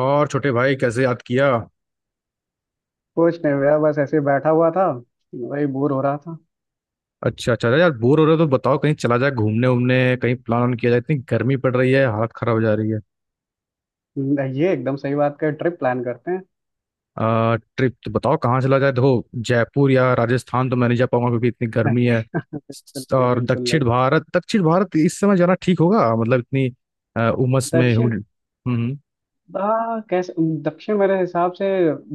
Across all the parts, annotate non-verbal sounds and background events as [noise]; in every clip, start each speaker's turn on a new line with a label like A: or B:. A: और छोटे भाई कैसे याद किया।
B: कुछ नहीं भैया, बस ऐसे ही बैठा हुआ था। वही बोर हो रहा था।
A: अच्छा अच्छा, अरे यार बोर हो रहे हो तो बताओ, कहीं चला जाए घूमने उमने, कहीं प्लान ऑन किया जाए। इतनी गर्मी पड़ रही है, हालत खराब हो जा रही है।
B: ये एकदम सही बात कर, ट्रिप प्लान करते हैं।
A: ट्रिप तो बताओ कहाँ चला जाए। देखो, जयपुर या राजस्थान तो मैं नहीं जा पाऊंगा क्योंकि इतनी गर्मी है।
B: बिल्कुल नहीं,
A: और
B: बिल्कुल
A: दक्षिण
B: नहीं।
A: भारत, दक्षिण भारत इस समय जाना ठीक होगा? मतलब इतनी उमस में
B: दक्षिण।
A: humid-। हम्म।
B: हाँ, कैसे? दक्षिण मेरे हिसाब से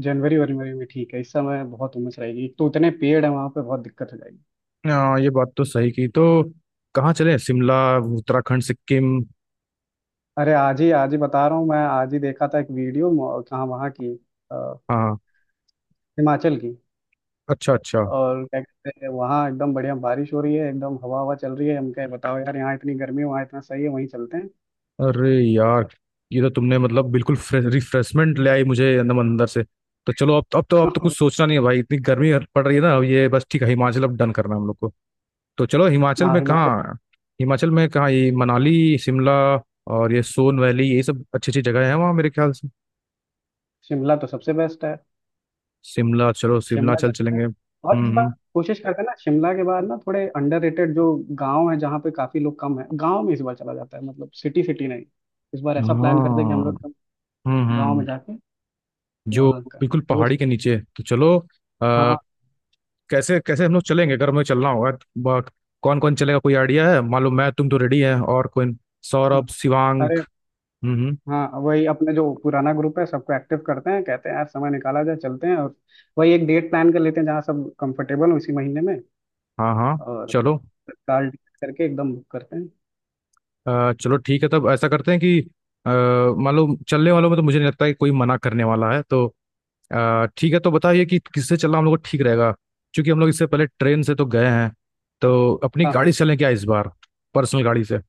B: जनवरी वरी में ठीक है। इस समय बहुत उमस रहेगी, एक तो उतने पेड़ हैं वहाँ पे, बहुत दिक्कत हो जाएगी।
A: हाँ ये बात तो सही की। तो कहाँ चले, शिमला, उत्तराखंड, सिक्किम?
B: अरे आज ही, आज ही बता रहा हूँ मैं, आज ही देखा था एक वीडियो कहाँ वहाँ की। अ,
A: हाँ।
B: हिमाचल की।
A: अच्छा अच्छा।
B: और क्या कहते हैं, वहाँ एकदम बढ़िया बारिश हो रही है, एकदम हवा हवा चल रही है। हम कहे बताओ यार, यहाँ इतनी गर्मी है वहाँ इतना सही है, वहीं चलते हैं।
A: अरे यार, ये तो तुमने मतलब बिल्कुल रिफ्रेशमेंट ले आई मुझे अंदर अंदर से। तो चलो, अब तो कुछ
B: [laughs]
A: सोचना नहीं है भाई। इतनी गर्मी पड़ रही है ना, अब ये बस ठीक है, हिमाचल अब डन करना है हम लोग को। तो चलो हिमाचल
B: हाँ,
A: में
B: हिमाचल।
A: कहाँ। हिमाचल में कहाँ, ये मनाली, शिमला और ये सोन वैली, ये सब अच्छी अच्छी जगह है वहाँ मेरे ख्याल से।
B: शिमला तो सबसे बेस्ट है।
A: शिमला, चलो शिमला
B: शिमला
A: चल
B: जाते हैं।
A: चलेंगे।
B: और इस बार
A: हम्म।
B: कोशिश करते हैं ना शिमला के बाद ना, थोड़े अंडररेटेड जो गांव है जहाँ पे काफी लोग कम है, गांव में इस बार चला जाता है, मतलब सिटी सिटी नहीं। इस बार ऐसा प्लान करते हैं कि हम
A: हाँ।
B: लोग एकदम गांव में
A: हम्म।
B: जाके
A: जो
B: वहाँ का।
A: बिल्कुल
B: वो
A: पहाड़ी
B: सही।
A: के नीचे, तो चलो।
B: हाँ
A: कैसे कैसे हम लोग चलेंगे अगर हमें चलना होगा। कौन कौन चलेगा कोई आइडिया है? मालूम मैं, तुम तो रेडी है, और कोई?
B: हाँ।
A: सौरभ, शिवांग।
B: अरे
A: हम्म हम्म,
B: हाँ, वही अपने जो पुराना ग्रुप है सबको एक्टिव करते हैं, कहते हैं यार समय निकाला जाए, चलते हैं, और वही एक डेट प्लान कर लेते हैं जहाँ सब कंफर्टेबल हो, इसी महीने में।
A: हाँ। हाँ।
B: और
A: चलो।
B: तत्काल करके एकदम बुक करते हैं।
A: चलो ठीक है, तब ऐसा करते हैं कि अ, मालूम चलने वालों में तो मुझे नहीं लगता कि कोई मना करने वाला है। तो ठीक है, तो बताइए कि किससे चलना हम लोग को ठीक रहेगा। क्योंकि हम लोग इससे पहले ट्रेन से तो गए हैं, तो अपनी
B: हाँ
A: गाड़ी
B: हाँ।
A: से चलें क्या इस बार? पर्सनल गाड़ी से।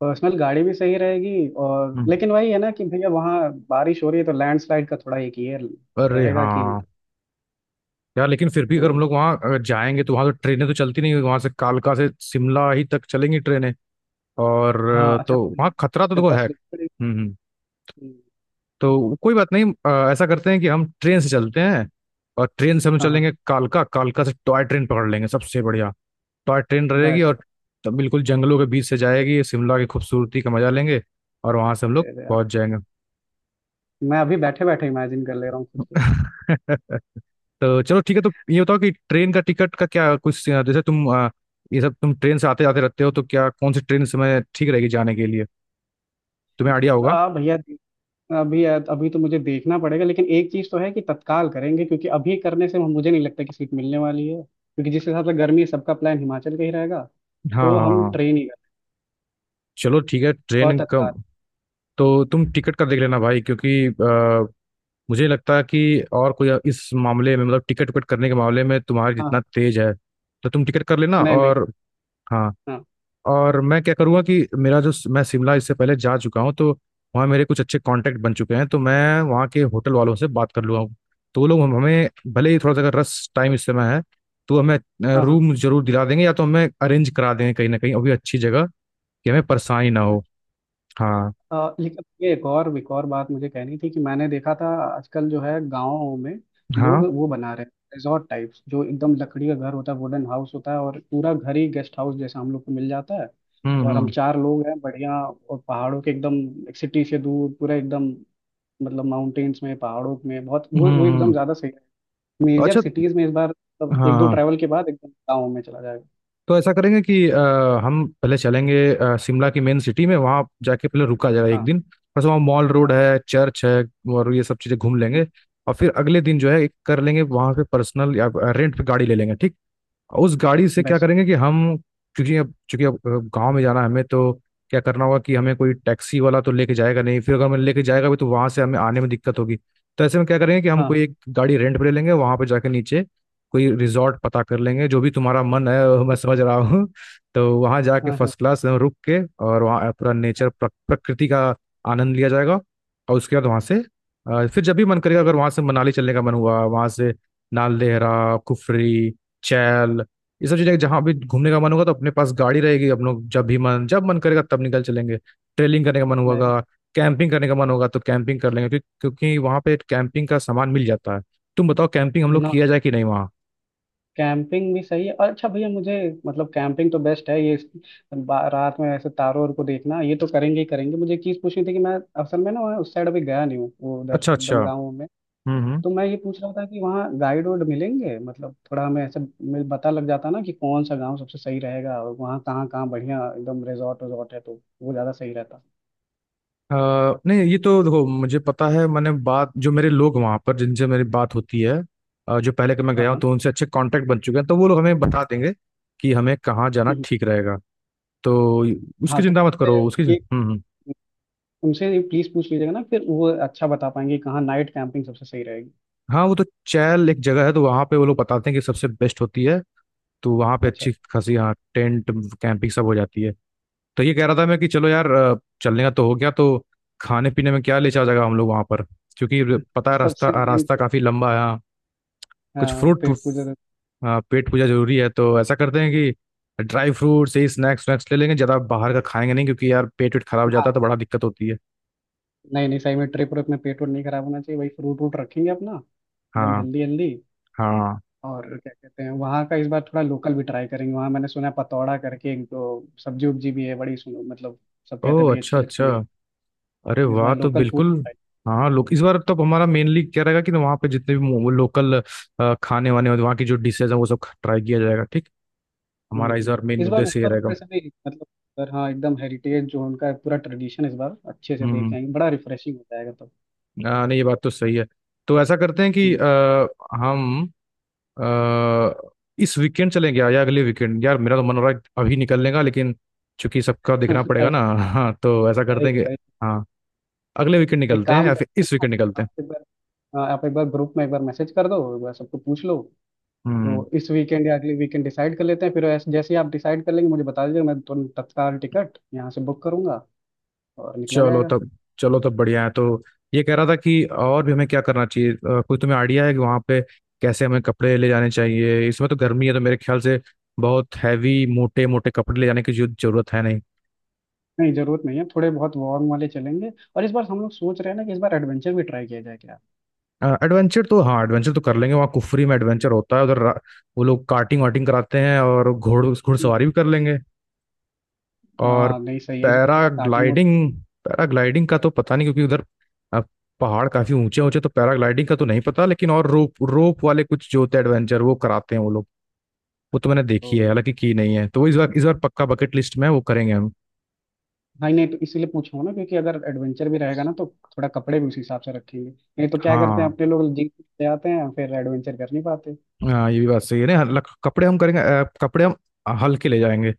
B: पर्सनल गाड़ी भी सही रहेगी, और
A: हम्म,
B: लेकिन वही है ना कि भैया वहाँ बारिश हो रही है तो लैंडस्लाइड का थोड़ा एक ये
A: अरे
B: रहेगा कि।
A: हाँ। यार लेकिन फिर भी
B: तो
A: अगर हम लोग वहाँ अगर जाएंगे तो वहाँ तो ट्रेनें तो चलती नहीं, वहां से कालका से शिमला ही तक चलेंगी ट्रेनें। और
B: हाँ, अच्छा,
A: तो वहाँ खतरा तो
B: फिर
A: देखो
B: बस
A: है।
B: लेनी पड़ेगी।
A: तो कोई बात नहीं, ऐसा करते हैं कि हम ट्रेन से चलते हैं। और ट्रेन से हम
B: हाँ हाँ।
A: चलेंगे कालका, कालका से टॉय ट्रेन पकड़ लेंगे, सबसे बढ़िया टॉय ट्रेन रहेगी।
B: बस।
A: और तब बिल्कुल जंगलों के बीच से जाएगी, शिमला की खूबसूरती का मजा लेंगे और वहां से हम लोग पहुंच जाएंगे।
B: मैं अभी बैठे बैठे इमेजिन कर ले रहा हूँ खुद
A: [laughs] तो चलो ठीक है, तो ये बताओ कि ट्रेन का टिकट का क्या, कुछ जैसे तुम ये सब तुम ट्रेन से आते जाते रहते हो तो क्या कौन सी ट्रेन समय ठीक रहेगी जाने के लिए, तुम्हें आइडिया
B: को
A: होगा।
B: आ भैया। अभी अभी तो मुझे देखना पड़ेगा, लेकिन एक चीज तो है कि तत्काल करेंगे, क्योंकि अभी करने से मुझे नहीं लगता कि सीट मिलने वाली है, क्योंकि जिस हिसाब से गर्मी है सबका प्लान हिमाचल का ही रहेगा।
A: हाँ
B: तो
A: हाँ
B: हम
A: हाँ।
B: ट्रेन ही करें,
A: चलो ठीक है
B: और
A: ट्रेन का।
B: तत्काल।
A: तो तुम टिकट का देख लेना भाई क्योंकि मुझे लगता है कि और कोई इस मामले में, मतलब टिकट विकट करने के मामले में तुम्हारे
B: हाँ हाँ।
A: जितना तेज है। तो तुम टिकट कर लेना
B: नहीं नहीं।
A: और। हाँ।
B: हाँ
A: और मैं क्या करूँगा कि मेरा जो, मैं शिमला इससे पहले जा चुका हूँ तो वहाँ मेरे कुछ अच्छे कांटेक्ट बन चुके हैं, तो मैं वहाँ के होटल वालों से बात कर लूँगा। तो वो लोग हमें भले ही थोड़ा सा अगर रस टाइम इस समय है तो हमें
B: हाँ हाँ।
A: रूम जरूर दिला देंगे या तो हमें अरेंज करा देंगे कहीं ना कहीं अभी अच्छी जगह, कि हमें परेशानी ना हो। हाँ।
B: लेकिन ये एक और बात मुझे कहनी थी कि मैंने देखा था आजकल जो है, गाँव में
A: हाँ।
B: लोग वो बना रहे हैं रिजॉर्ट टाइप्स, जो एकदम लकड़ी का घर होता है, वुडन हाउस होता है, और पूरा घर ही गेस्ट हाउस जैसा हम लोग को मिल जाता है। और हम
A: हम्म।
B: चार लोग हैं, बढ़िया, और पहाड़ों के एकदम एक सिटी से दूर, पूरा एकदम, मतलब माउंटेन्स में, पहाड़ों में, बहुत वो वो एकदम
A: हम्म।
B: ज्यादा सही है। मेजर
A: अच्छा।
B: सिटीज में इस बार
A: हाँ
B: मतलब, एक दो
A: हाँ।
B: ट्रैवल के बाद एकदम गाँव में चला जाएगा।
A: तो ऐसा करेंगे कि हम पहले चलेंगे शिमला की मेन सिटी में, वहाँ जाके पहले रुका जाएगा एक
B: हाँ
A: दिन। बस वहाँ मॉल रोड
B: हाँ,
A: है, चर्च है और ये सब चीज़ें घूम लेंगे। और फिर अगले दिन जो है एक कर लेंगे वहाँ पे पर्सनल या रेंट पे गाड़ी ले लेंगे, ठीक है? उस गाड़ी से क्या
B: बेस्ट।
A: करेंगे कि हम, क्योंकि अब चूंकि अब गांव में जाना है हमें, तो क्या करना होगा कि हमें कोई टैक्सी वाला तो लेके जाएगा नहीं, फिर अगर हमें लेके जाएगा भी तो वहां से हमें आने में दिक्कत होगी। तो ऐसे में क्या करेंगे कि हम
B: हाँ,
A: कोई
B: best।
A: एक गाड़ी रेंट पे ले लेंगे, वहां पे जाके नीचे कोई रिजॉर्ट पता कर लेंगे, जो भी तुम्हारा मन है वो मैं समझ रहा हूँ। [laughs] तो वहां जाके
B: हाँ हाँ हाँ, हाँ,
A: फर्स्ट क्लास रुक के और वहाँ पूरा नेचर, प्रकृति का आनंद लिया जाएगा। और उसके बाद वहां से फिर जब भी मन करेगा, अगर वहां से मनाली चलने का मन हुआ, वहां से नाल देहरा, कुफरी, चैल, ये सब चीजें जहां भी घूमने का मन होगा तो अपने पास गाड़ी रहेगी, हम लोग जब मन करेगा तब निकल चलेंगे। ट्रेलिंग करने का मन
B: नहीं,
A: होगा, कैंपिंग करने का मन होगा तो कैंपिंग कर लेंगे, क्योंकि वहां पे कैंपिंग का सामान मिल जाता है। तुम बताओ कैंपिंग हम लोग
B: ना।
A: किया जाए कि नहीं वहाँ?
B: कैंपिंग भी सही है। और अच्छा भैया मुझे, मतलब कैंपिंग तो बेस्ट है ये। रात में ऐसे तारों और को देखना, ये तो करेंगे ही करेंगे। मुझे एक चीज़ पूछनी थी कि मैं असल में ना वहाँ उस साइड अभी गया नहीं हूँ, वो उधर
A: अच्छा अच्छा।
B: एकदम गाँव में।
A: हम्म।
B: तो मैं ये पूछ रहा था कि वहाँ गाइड वाइड मिलेंगे, मतलब थोड़ा हमें ऐसे पता लग जाता ना कि कौन सा गाँव सबसे सही रहेगा, और वहाँ कहाँ कहाँ बढ़िया एकदम रिजॉर्ट वजॉर्ट है, तो वो ज़्यादा सही रहता।
A: नहीं ये तो देखो मुझे पता है, मैंने बात, जो मेरे लोग वहाँ पर जिनसे मेरी बात होती है, जो पहले के मैं
B: हाँ
A: गया हूँ
B: हाँ।
A: तो उनसे अच्छे कांटेक्ट बन चुके हैं, तो वो लोग हमें बता देंगे कि हमें कहाँ जाना
B: हम्म,
A: ठीक रहेगा। तो उसकी
B: हाँ, तो
A: चिंता मत
B: उनसे
A: करो उसकी।
B: ये।
A: हम्म। हम्म।
B: उनसे ये प्लीज़ पूछ लीजिएगा ना, फिर वो अच्छा बता पाएंगे कि कहाँ नाइट कैंपिंग सबसे सही रहेगी।
A: हाँ वो तो चैल एक जगह है तो वहां पे वो लोग बताते हैं कि सबसे बेस्ट होती है। तो वहां पे
B: अच्छा।
A: अच्छी खासी, हाँ, टेंट कैंपिंग सब हो जाती है। तो ये कह रहा था मैं कि चलो यार, चलने का तो हो गया, तो खाने पीने में क्या ले चला जाएगा हम लोग वहां पर, क्योंकि पता है रास्ता,
B: सबसे मेन,
A: रास्ता काफी लंबा है। हाँ कुछ
B: हाँ,
A: फ्रूट, पेट पूजा जरूरी है तो ऐसा करते हैं कि ड्राई फ्रूट्स यही स्नैक्स वैक्स ले लेंगे, ज्यादा बाहर का खाएंगे नहीं क्योंकि यार पेट वेट खराब हो जाता है तो
B: हाँ,
A: बड़ा दिक्कत होती है।
B: नहीं नहीं, सही में ट्रिप पर अपना पेट और नहीं खराब होना चाहिए, वही फ्रूट वूट रखेंगे अपना, एकदम
A: हाँ
B: हेल्दी हेल्दी।
A: हाँ।
B: और क्या कहते हैं, वहाँ का इस बार थोड़ा लोकल भी ट्राई करेंगे। वहाँ मैंने सुना है पतौड़ा करके एक तो सब्जी उब्जी भी है, बड़ी, सुनो, मतलब सब कहते हैं
A: ओह
B: बड़ी
A: अच्छा
B: अच्छी लगती
A: अच्छा।
B: है।
A: अरे
B: इस
A: वाह,
B: बार
A: तो
B: लोकल फूड
A: बिल्कुल
B: ट्राई।
A: हाँ लोग, इस बार तो हमारा मेनली क्या रहेगा कि वहाँ पे जितने भी लोकल खाने वाने और वहाँ की जो डिशेज है वो सब ट्राई किया जाएगा, ठीक। हमारा इस बार मेन
B: इस बार
A: उद्देश्य ये
B: ऊपर
A: रहेगा।
B: ऊपर से नहीं, मतलब पर हाँ, एकदम हेरिटेज जो उनका है, पूरा ट्रेडिशन, इस बार अच्छे से देख के
A: हम्म।
B: आएंगे, बड़ा रिफ्रेशिंग हो जाएगा तब।
A: नहीं ये बात तो सही है। तो ऐसा करते हैं कि
B: हम्म।
A: हम आ, इस वीकेंड चलेंगे या अगले वीकेंड, यार मेरा तो मन हो रहा है अभी निकलने का लेकिन चूंकि सबका देखना
B: [laughs]
A: पड़ेगा ना।
B: अरे
A: [laughs] हाँ तो ऐसा
B: भाई,
A: करते हैं
B: भाई,
A: कि हाँ अगले वीकेंड
B: एक
A: निकलते हैं
B: काम
A: या फिर
B: करते हैं
A: इस
B: ना,
A: वीकेंड निकलते
B: आप
A: हैं।
B: एक बार, हाँ, आप एक बार ग्रुप में एक बार मैसेज कर दो, एक बार सबको पूछ लो,
A: हम्म।
B: तो इस वीकेंड या अगले वीकेंड डिसाइड कर लेते हैं। फिर जैसे ही आप डिसाइड कर लेंगे, मुझे बता दीजिएगा, मैं तुरंत तत्काल टिकट यहाँ से बुक करूंगा और निकला
A: चलो
B: जाएगा।
A: तब। चलो तब बढ़िया है। तो ये कह रहा था कि और भी हमें क्या करना चाहिए, कोई तुम्हें आइडिया है कि वहाँ पे कैसे हमें कपड़े ले जाने चाहिए? इसमें तो गर्मी है तो मेरे ख्याल से बहुत हैवी मोटे मोटे कपड़े ले जाने की जरूरत है नहीं।
B: नहीं, जरूरत नहीं है, थोड़े बहुत वार्म वाले चलेंगे। और इस बार हम लोग सोच रहे हैं ना कि इस बार एडवेंचर भी ट्राई किया जाए क्या।
A: एडवेंचर, तो हाँ एडवेंचर तो कर लेंगे, वहाँ कुफरी में एडवेंचर होता है उधर वो लोग कार्टिंग वाटिंग कराते हैं और घोड़
B: हम्म,
A: घुड़सवारी भी कर लेंगे। और
B: हाँ, नहीं, सही है, इस बार थोड़ा कार्टिंग हो
A: पैराग्लाइडिंग, पैराग्लाइडिंग का तो पता नहीं क्योंकि उधर अ, पहाड़ काफी ऊंचे ऊंचे, तो पैराग्लाइडिंग का तो नहीं पता, लेकिन और रोप, रोप वाले कुछ जो होते हैं एडवेंचर वो कराते हैं वो लोग। वो तो मैंने
B: तो।
A: देखी है, हालांकि की नहीं है, तो वो इस बार, इस बार पक्का बकेट लिस्ट में है, वो करेंगे हम।
B: नहीं नहीं, तो इसीलिए पूछा हूं ना, क्योंकि अगर एडवेंचर भी रहेगा ना तो थोड़ा कपड़े भी उस हिसाब से रखेंगे, नहीं तो क्या करते हैं,
A: हाँ
B: अपने लोग जीप से आते हैं फिर एडवेंचर कर नहीं पाते।
A: हाँ ये भी बात सही है ना। कपड़े हम करेंगे, कपड़े हम हल्के ले जाएंगे।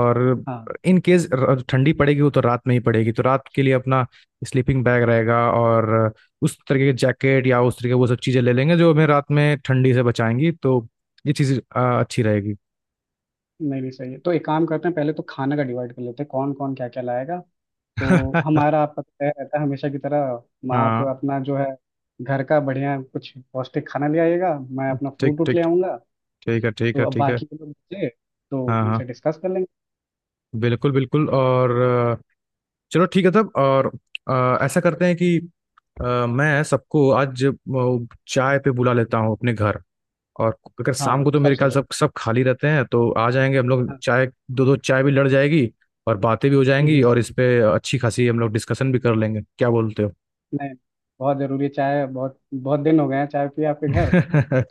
A: और
B: हाँ।
A: इन केस ठंडी पड़ेगी, वो तो रात में ही पड़ेगी तो रात के लिए अपना स्लीपिंग बैग रहेगा और उस तरीके के जैकेट या उस तरीके वो सब चीज़ें ले लेंगे जो हमें रात में ठंडी से बचाएंगी, तो ये चीज़ अच्छी रहेगी।
B: नहीं नहीं सही है, तो एक काम करते हैं, पहले तो खाना का डिवाइड कर लेते हैं, कौन कौन क्या क्या लाएगा। तो
A: [laughs]
B: हमारा आपका तो तय रहता है हमेशा की तरह, आप
A: हाँ
B: अपना जो है घर का बढ़िया कुछ पौष्टिक खाना ले आइएगा, मैं अपना
A: ठीक
B: फ्रूट उट
A: ठीक।
B: ले आऊंगा।
A: ठीक है ठीक
B: तो
A: है
B: अब
A: ठीक है।
B: बाकी के लोग बचे, तो
A: हाँ हाँ,
B: उनसे डिस्कस कर लेंगे।
A: बिल्कुल बिल्कुल। और चलो ठीक है तब। और ऐसा करते हैं कि मैं सबको आज चाय पे बुला लेता हूँ अपने घर। और अगर शाम को
B: हाँ,
A: तो मेरे
B: सबसे
A: ख्याल
B: बेस्ट।
A: सब सब खाली रहते हैं तो आ जाएंगे हम लोग,
B: हाँ।
A: चाय दो दो चाय भी लड़ जाएगी और बातें भी हो जाएंगी और इस
B: [laughs]
A: पे अच्छी खासी हम लोग डिस्कशन भी कर लेंगे, क्या बोलते हो?
B: नहीं, बहुत ज़रूरी है चाय, बहुत बहुत दिन हो गए हैं चाय पिए आपके घर,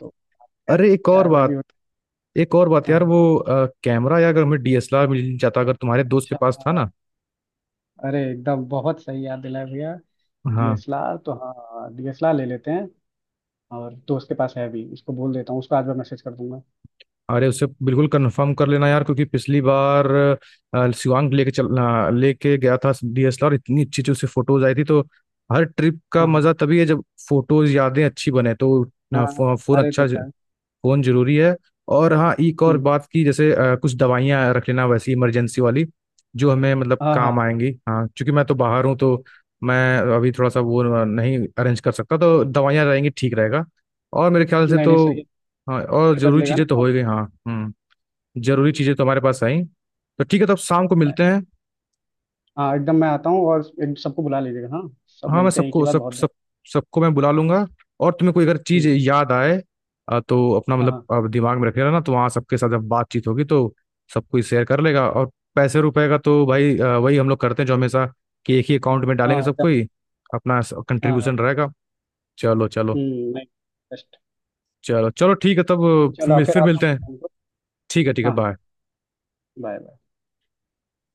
B: तो क्या,
A: अरे एक और
B: चाय वाय भी
A: बात,
B: हो।
A: एक और बात
B: हाँ
A: यार, वो
B: हाँ।
A: कैमरा यार अगर हमें डीएसएलआर मिल जाता, अगर तुम्हारे दोस्त के
B: अच्छा,
A: पास था ना।
B: अरे एकदम बहुत सही याद दिलाया भैया,
A: हाँ।
B: डीएसएलआर तो, हाँ डीएसएलआर ले लेते हैं, और दोस्त के पास है भी, उसको बोल देता हूँ, उसको आज मैं मैसेज कर दूंगा।
A: अरे उसे बिल्कुल कंफर्म कर लेना यार क्योंकि पिछली बार शिवांग लेके गया था डीएसएलआर, इतनी अच्छी अच्छी उसे फोटोज आई थी तो हर ट्रिप का
B: हाँ हाँ
A: मजा तभी है जब फोटोज यादें अच्छी बने, तो
B: हाँ, हाँ हाँ,
A: फोन
B: अरे तो
A: अच्छा
B: क्या।
A: फोन जरूरी है। और हाँ एक और
B: हम्म,
A: बात की, जैसे कुछ दवाइयाँ रख लेना वैसी इमरजेंसी वाली जो हमें मतलब
B: हाँ हाँ।
A: काम आएंगी, हाँ क्योंकि मैं तो बाहर हूँ तो मैं अभी थोड़ा सा वो नहीं अरेंज कर सकता, तो दवाइयाँ रहेंगी ठीक रहेगा। और मेरे ख्याल से
B: नहीं नहीं सही
A: तो
B: है।
A: हाँ, और
B: ये
A: जरूरी
B: बदलेगा ना
A: चीज़ें तो हो
B: आप?
A: ही गई। हाँ हम्म। जरूरी चीज़ें तो हमारे पास आई। तो ठीक है तो अब शाम को मिलते
B: right।
A: हैं।
B: हाँ एकदम, मैं आता हूँ, और सबको बुला लीजिएगा, हाँ, सब
A: हाँ मैं
B: मिलते हैं एक ही
A: सबको,
B: बार,
A: सब
B: बहुत दिन।
A: सब सबको मैं बुला लूंगा। और तुम्हें कोई अगर चीज
B: हम्म।
A: याद आए तो अपना
B: हाँ
A: मतलब
B: हाँ।
A: दिमाग में रखेगा ना तो वहाँ सबके साथ जब बातचीत होगी तो सब कोई शेयर कर लेगा। और पैसे रुपए का तो भाई वही हम लोग करते हैं जो हमेशा, कि एक ही अकाउंट में
B: हाँ
A: डालेंगे सब
B: एकदम।
A: कोई अपना
B: हाँ हाँ।
A: कंट्रीब्यूशन रहेगा। चलो चलो।
B: हम्म, नहीं, बेस्ट।
A: चलो चलो ठीक है तब।
B: चलो फिर
A: फिर
B: आता हूँ
A: मिलते हैं।
B: शाम को।
A: ठीक है
B: हाँ हाँ।
A: बाय।
B: बाय।